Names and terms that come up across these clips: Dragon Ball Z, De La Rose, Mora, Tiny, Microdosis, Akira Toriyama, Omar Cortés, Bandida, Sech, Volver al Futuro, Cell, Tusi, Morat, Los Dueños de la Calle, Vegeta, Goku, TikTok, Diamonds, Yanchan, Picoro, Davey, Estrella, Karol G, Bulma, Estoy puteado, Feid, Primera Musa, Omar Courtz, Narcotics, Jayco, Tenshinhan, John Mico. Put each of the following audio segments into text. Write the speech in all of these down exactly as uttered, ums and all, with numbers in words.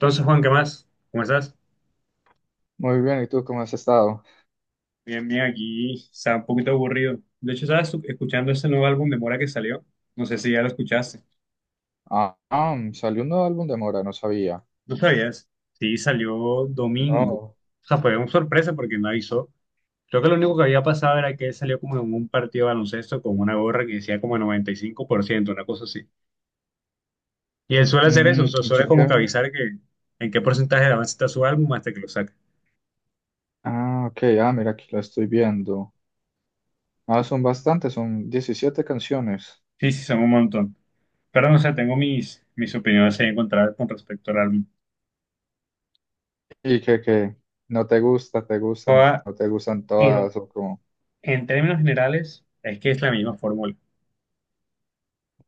Entonces, Juan, ¿qué más? ¿Cómo estás? Muy bien, ¿y tú cómo has estado? Bien, bien, aquí está un poquito aburrido. De hecho, estaba escu- escuchando ese nuevo álbum de Mora que salió. No sé si ya lo escuchaste. Ah, ah, salió un nuevo álbum de Mora, no sabía. ¿No sabías? Sí, salió domingo. No. O sea, fue una sorpresa porque no avisó. Creo que lo único que había pasado era que él salió como en un partido de baloncesto con una gorra que decía como noventa y cinco por ciento, una cosa así. Y él suele hacer eso, o Mm, sea, yo suele como que que- avisar que en qué porcentaje de avance está su álbum hasta que lo saca. Ah, ok, ah, mira, aquí lo estoy viendo. Ah, son bastantes, son diecisiete canciones. Sí, sí, son un montón. Pero no sé, tengo mis, mis opiniones ahí encontradas con respecto al álbum. ¿Y que, que no te gusta, te gustan, no no te gustan En, todas o como... en términos generales, es que es la misma fórmula.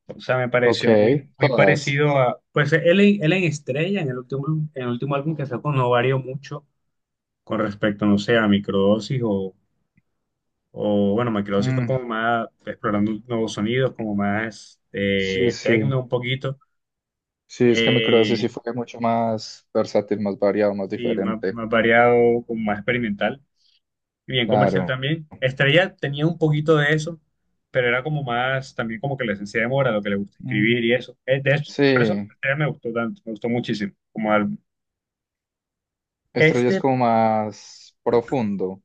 O sea, me Ok, pareció muy, muy todas. parecido a. Pues él, en- él en Estrella, en el último, en el último álbum que sacó, no varió mucho con respecto, no sé, a Microdosis o, o bueno, Microdosis fue Mm, como más explorando nuevos sonidos, como más sí, eh, sí. techno un poquito, Sí, es que Microdosis sí eh, fue mucho más versátil, más variado, más y más, diferente. más variado, como más experimental. Bien comercial Claro. también. Estrella tenía un poquito de eso, pero era como más, también como que la esencia de Mora, lo que le gusta escribir Mm, y eso. Eh, De hecho, por eso sí, Estrella me gustó tanto, me gustó muchísimo como álbum. Estrella es Este, como más profundo.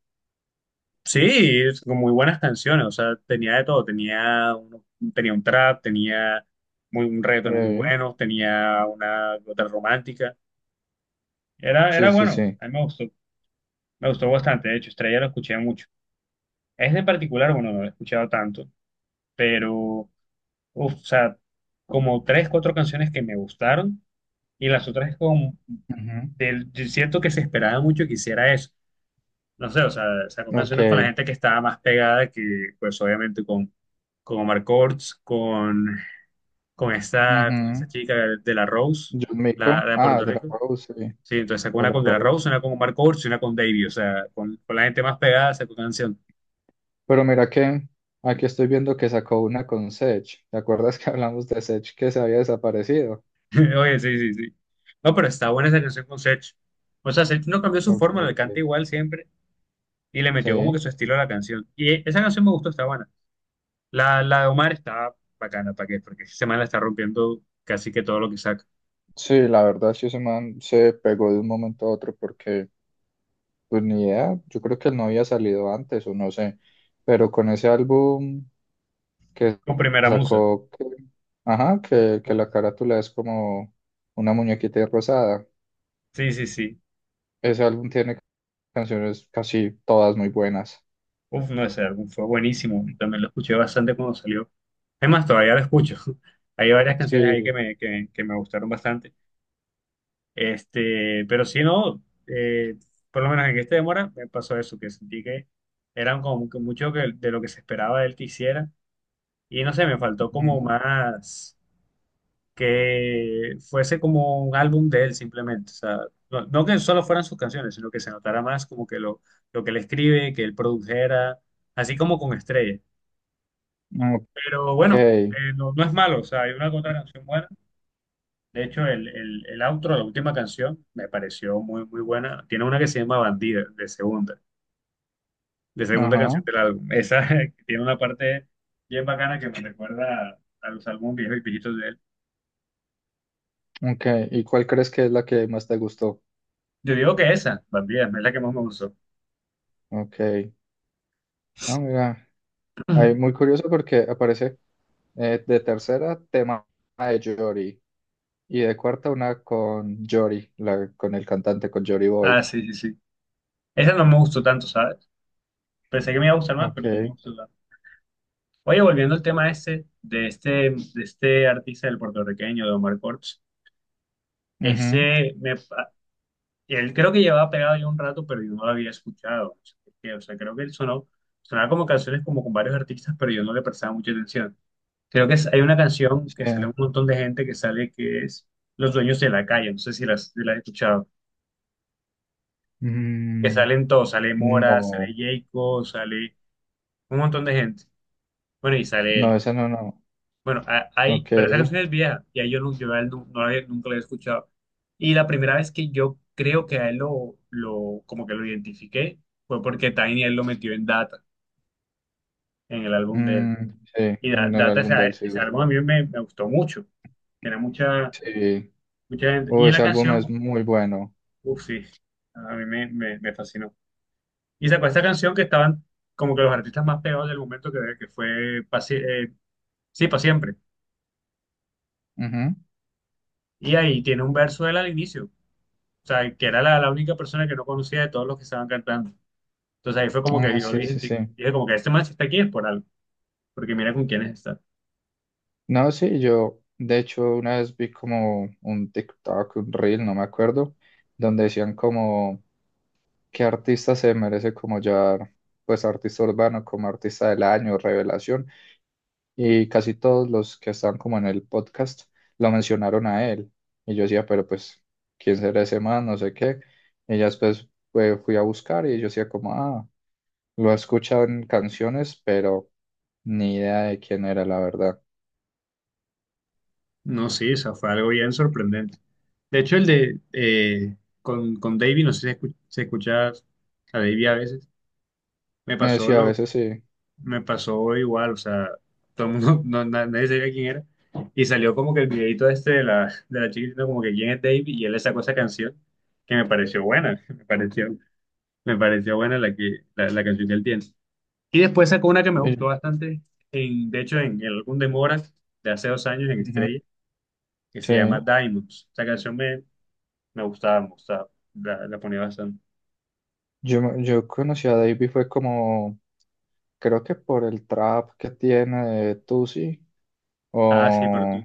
sí, es con muy buenas canciones, o sea, tenía de todo, tenía, uno- tenía un trap, tenía muy, un reggaetón muy Sí. bueno, tenía una otra romántica. Era, Sí, era sí, bueno, sí. a mí me gustó, me gustó, bastante, de hecho, Estrella lo escuché mucho. Este en particular, bueno, no lo he escuchado tanto, pero uf, o sea, como tres, cuatro canciones que me gustaron y las otras es como, Ok. del- yo siento que se esperaba mucho que hiciera eso. No sé, o sea, sacó Ujú, ok, canciones con la gente que estaba más pegada que, pues obviamente con, con Omar Courtz, con, con esta, con esta ujú. chica de la Rose, John Mico. la, la de Ah, Puerto de la Rico. Rose, sí. Sí, entonces sacó De una la con De La Rose, Rose. una con Omar Courtz y una con Davey, o sea, con, con la gente más pegada sacó canción. Pero mira que aquí estoy viendo que sacó una con Sech. ¿Te acuerdas que hablamos de Sech que se había desaparecido? Oye, sí, sí, sí. No, pero está buena esa canción con Sech. O sea, Sech no cambió su Ok, forma, le canta ok. igual siempre y le metió como que Sí. su estilo a la canción. Y e- esa canción me gustó, está buena. La, la de Omar está bacana, ¿para qué? Porque ese man la está rompiendo casi que todo lo que saca. Sí, la verdad, sí, ese man se pegó de un momento a otro porque, pues ni idea, yo creo que él no había salido antes o no sé, pero con ese álbum que Con Primera Musa. sacó, que- ajá, que, que Uf, la carátula es como una muñequita rosada. sí, sí, sí. Ese álbum tiene canciones casi todas muy buenas. Uf, no, ese álbum fue buenísimo. También lo escuché bastante cuando salió. Es más, todavía lo escucho. Hay varias canciones ahí que Sí. me, que, que me gustaron bastante. Este, pero si no, eh, por lo menos en este demora me pasó eso, que sentí que eran como que mucho que- de lo que se esperaba de él que hiciera. Y no sé, me faltó como Ujú, más que fuese como un álbum de él simplemente. O sea, no, no que solo fueran sus canciones, sino que se notara más como que lo, lo que él escribe, que él produjera, así como con Estrella. Pero ok. bueno, eh, no, no es malo, o sea, hay una que otra canción buena. De hecho, el, el, el outro, la última canción, me pareció muy, muy buena. Tiene una que se llama Bandida, de segunda, de segunda canción Ajá. del álbum. Esa que tiene una parte bien bacana que me recuerda a, a los álbumes viejos y viejitos de él. Ok. ¿Y cuál crees que es la que más te gustó? Yo digo que esa, Bandida, es la que más me gustó. Ok. Ah, mira. Ahí, muy curioso porque aparece eh, de tercera tema de Jory y de cuarta una con Jory, la, con el cantante, con Jory Ah, Boy. sí, sí, sí. Esa no me gustó tanto, ¿sabes? Pensé que me iba a gustar más, pero no me Ok. gustó tanto. Oye, volviendo al tema este, de este, de este artista del puertorriqueño, de Omar Cortés, Ujú, ese, me, él creo que llevaba pegado ya un rato, pero yo no lo había escuchado. No sé por qué. O sea, creo que él sonó, sonaba como canciones como con varios artistas, pero yo no le prestaba mucha atención. Creo que es- hay una canción sí. que sale un montón de gente que sale que es Los Dueños de la Calle, no sé si la has si la has escuchado, que Mm, salen todos, sale Mora, sale no. Jayco, sale un montón de gente. Bueno, y sale No, él. esa no, no. Bueno, a- hay, Ok. pero esa canción es vieja y ahí yo, no, yo a él nu- no la había- nunca la había escuchado. Y la primera vez que yo creo que a él lo, lo como que lo identifiqué fue porque Tiny él lo metió en Data, en el álbum de él. Mm, sí, Y Da- en el Data, ese, álbum de él sí es ese álbum a verdad. mí me, me gustó mucho. Era mucha, Sí, mucha gente. oh, Y la ese álbum es canción, muy bueno. uff, sí, a mí me, me, me fascinó. Y sacó esta canción que estaban como que los artistas más pegados del momento que, que fue, pa' Sie- eh, sí, para siempre. Ujú. Y ahí tiene un verso de él al inicio. O sea, que era la, la única persona que no conocía de todos los que estaban cantando. Entonces ahí fue como que Ah, yo le sí, sí, dije, sí. dije como que este man si está aquí es por algo, porque mira con quiénes está. No, sí, yo de hecho una vez vi como un TikTok, un reel, no me acuerdo, donde decían como qué artista se merece como ya, pues artista urbano, como artista del año, revelación, y casi todos los que están como en el podcast lo mencionaron a él. Y yo decía, pero pues, ¿quién será ese man? No sé qué. Y ya después pues, fui a buscar y yo decía como, ah. Lo he escuchado en canciones, pero ni idea de quién era, la verdad. No, sí, o sea, fue algo bien sorprendente. De hecho, el de eh, con, con Davey, no sé si escu- si escuchas a Davey a veces, me Eh, sí, pasó a lo, veces sí. me pasó igual, o sea, todo el mundo, no, na- nadie sabía quién era. Y salió como que el videito este de la, de la chiquitita, como que quién es Davey, y él le sacó esa canción que me pareció buena, me pareció. Me pareció buena la que la, la canción que él tiene. Y después sacó una que me Eh, gustó bastante, en, de hecho, en el álbum de Morat de hace dos años en ujú, Estrella, que se llama sí. Diamonds. Esa canción me, me gustaba, me gustaba, la, la ponía bastante. Yo, me- yo conocí a Davey fue como, creo que por el trap que tiene de Tusi, Ah, sí, pero o, tú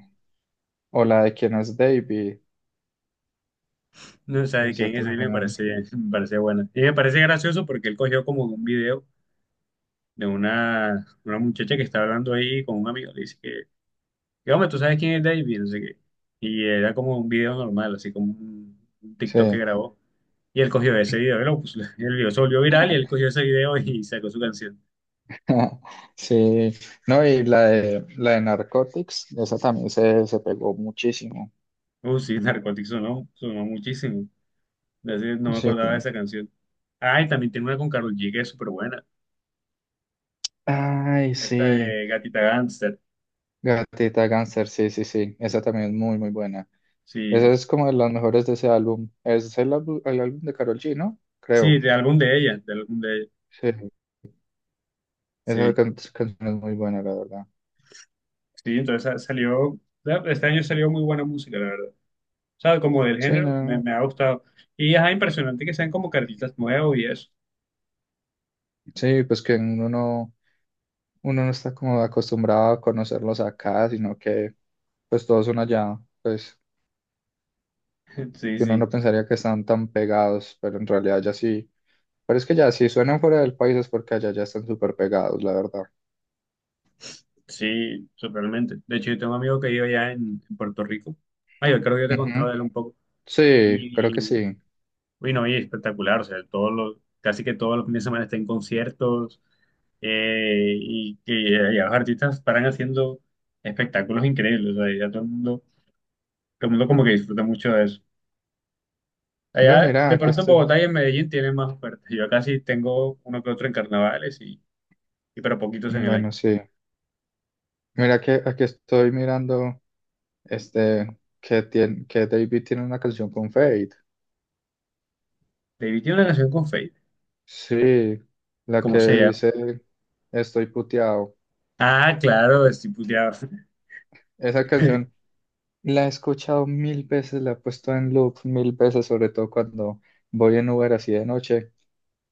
o la de quién es Davey. no sabes Ese quién es, y me también. parecía, me parecía buena. Y me parece gracioso porque él cogió como un video de una, una muchacha que estaba hablando ahí con un amigo, le dice que, que, hombre, ¿tú sabes quién es David? No sé qué. Y era como un video normal, así como un un TikTok que Sí. grabó. Y él cogió ese video, y lo puso- el video se volvió viral y él cogió ese video y sacó su canción. Sí. No, y la de, la de Narcotics, esa también se, se pegó muchísimo. Uh, sí, Narcotics sonó, sonó muchísimo. De ese- No me acordaba de Sí. esa canción. Ah, y también tiene una con Karol G que es súper buena. Ay, Esta sí. de Gatita Gangster. Gatita Gangster, sí, sí, sí, esa también es muy, muy buena. Sí, Esa es como de las mejores de ese álbum. Es el, álbu- el álbum de Karol G, ¿no? sí, Creo. de álbum de ella, de álbum de ella. Sí, esa Sí, can- canción es muy buena, la verdad. sí, entonces sa- salió, este año salió muy buena música, la verdad. O sea, como del Sí, género, me, no, me ha gustado. Y es impresionante que sean como que artistas nuevos y eso. sí, pues que uno no, uno no está como acostumbrado a conocerlos acá, sino que pues todos son allá, pues Sí, que uno sí. no pensaría que están tan pegados, pero en realidad ya sí. Pero es que ya, si suenan fuera del país es porque allá ya están súper pegados, la verdad. Sí, totalmente. De hecho, yo tengo un amigo que vive allá en, en Puerto Rico. Ah, yo creo que yo te contaba Ujú. de él un poco. Sí, creo que Y, sí. uy, no, y espectacular. O sea, todos los, casi que todos los fines de semana está en conciertos, eh, y que allá los artistas paran haciendo espectáculos increíbles. O sea, ya todo el mundo, todo el mundo como que disfruta mucho de eso. Ve, Allá, mira, de aquí pronto en estoy. Bogotá y en Medellín tienen más ofertas. Yo casi tengo uno que otro en carnavales y, y pero poquitos en el año. Bueno, sí. Mira que aquí estoy mirando este que tiene, que David tiene una canción con Fade. David tiene una canción con Feid. Sí, la ¿Cómo que se llama? dice: Estoy puteado. Ah, claro, estoy puteado. Esa canción la he escuchado mil veces, la he puesto en loop mil veces, sobre todo cuando voy en Uber así de noche.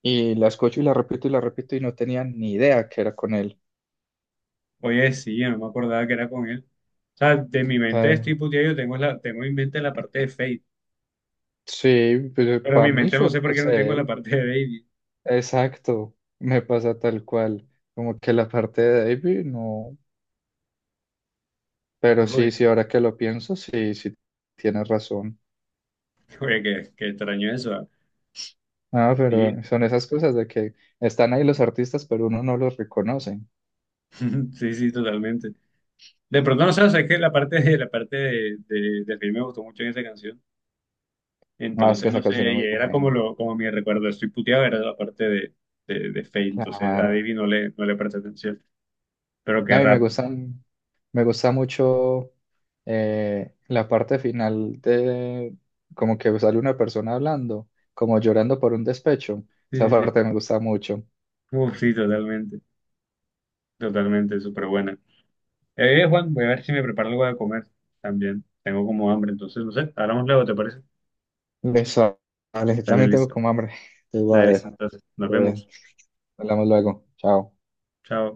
Y la escucho y la repito y la repito y no tenía ni idea que era con él. Oye, sí, yo no me acordaba que era con él. O sea, de mi mente Eh, estoy puteado, yo tengo, la, tengo en mente la parte de Fate, sí, pero en para mi mí mente no sé solo por qué es no tengo la él. parte de Baby. Exacto, me pasa tal cual, como que la parte de David no, pero Uy, sí, sí, ahora que lo pienso, sí, sí, tienes razón. oye, qué, qué extraño eso. Ah. Ah, Sí, pero son esas cosas de que están ahí los artistas, pero uno no los reconoce. sí, sí, totalmente. De pronto, no sé, o sea, es que la parte de, la parte de, de, de Fate me gustó mucho en esa canción. Ah, es que Entonces, no esa sé, canción es y muy era como, buena, lo, como mi recuerdo, estoy puteado, era la parte de, de, de Fate, entonces a claro. Baby no le, no le presté atención, pero qué No, y me raro. gustan, me gusta mucho eh, la parte final de como que sale una persona hablando, como llorando por un despecho. Sí, Esa sí, parte sí. me gusta mucho. Uf, sí, totalmente, totalmente, súper buena. Eh, Juan, voy a ver si me preparo algo de comer también. Tengo como hambre, entonces no sé. Hablamos luego, ¿te parece? Me sales, Dale, también tengo listo. como hambre. Te voy a Dale, listo. ver. Entonces, nos Eh, vemos. hablamos luego. Chao. Chao.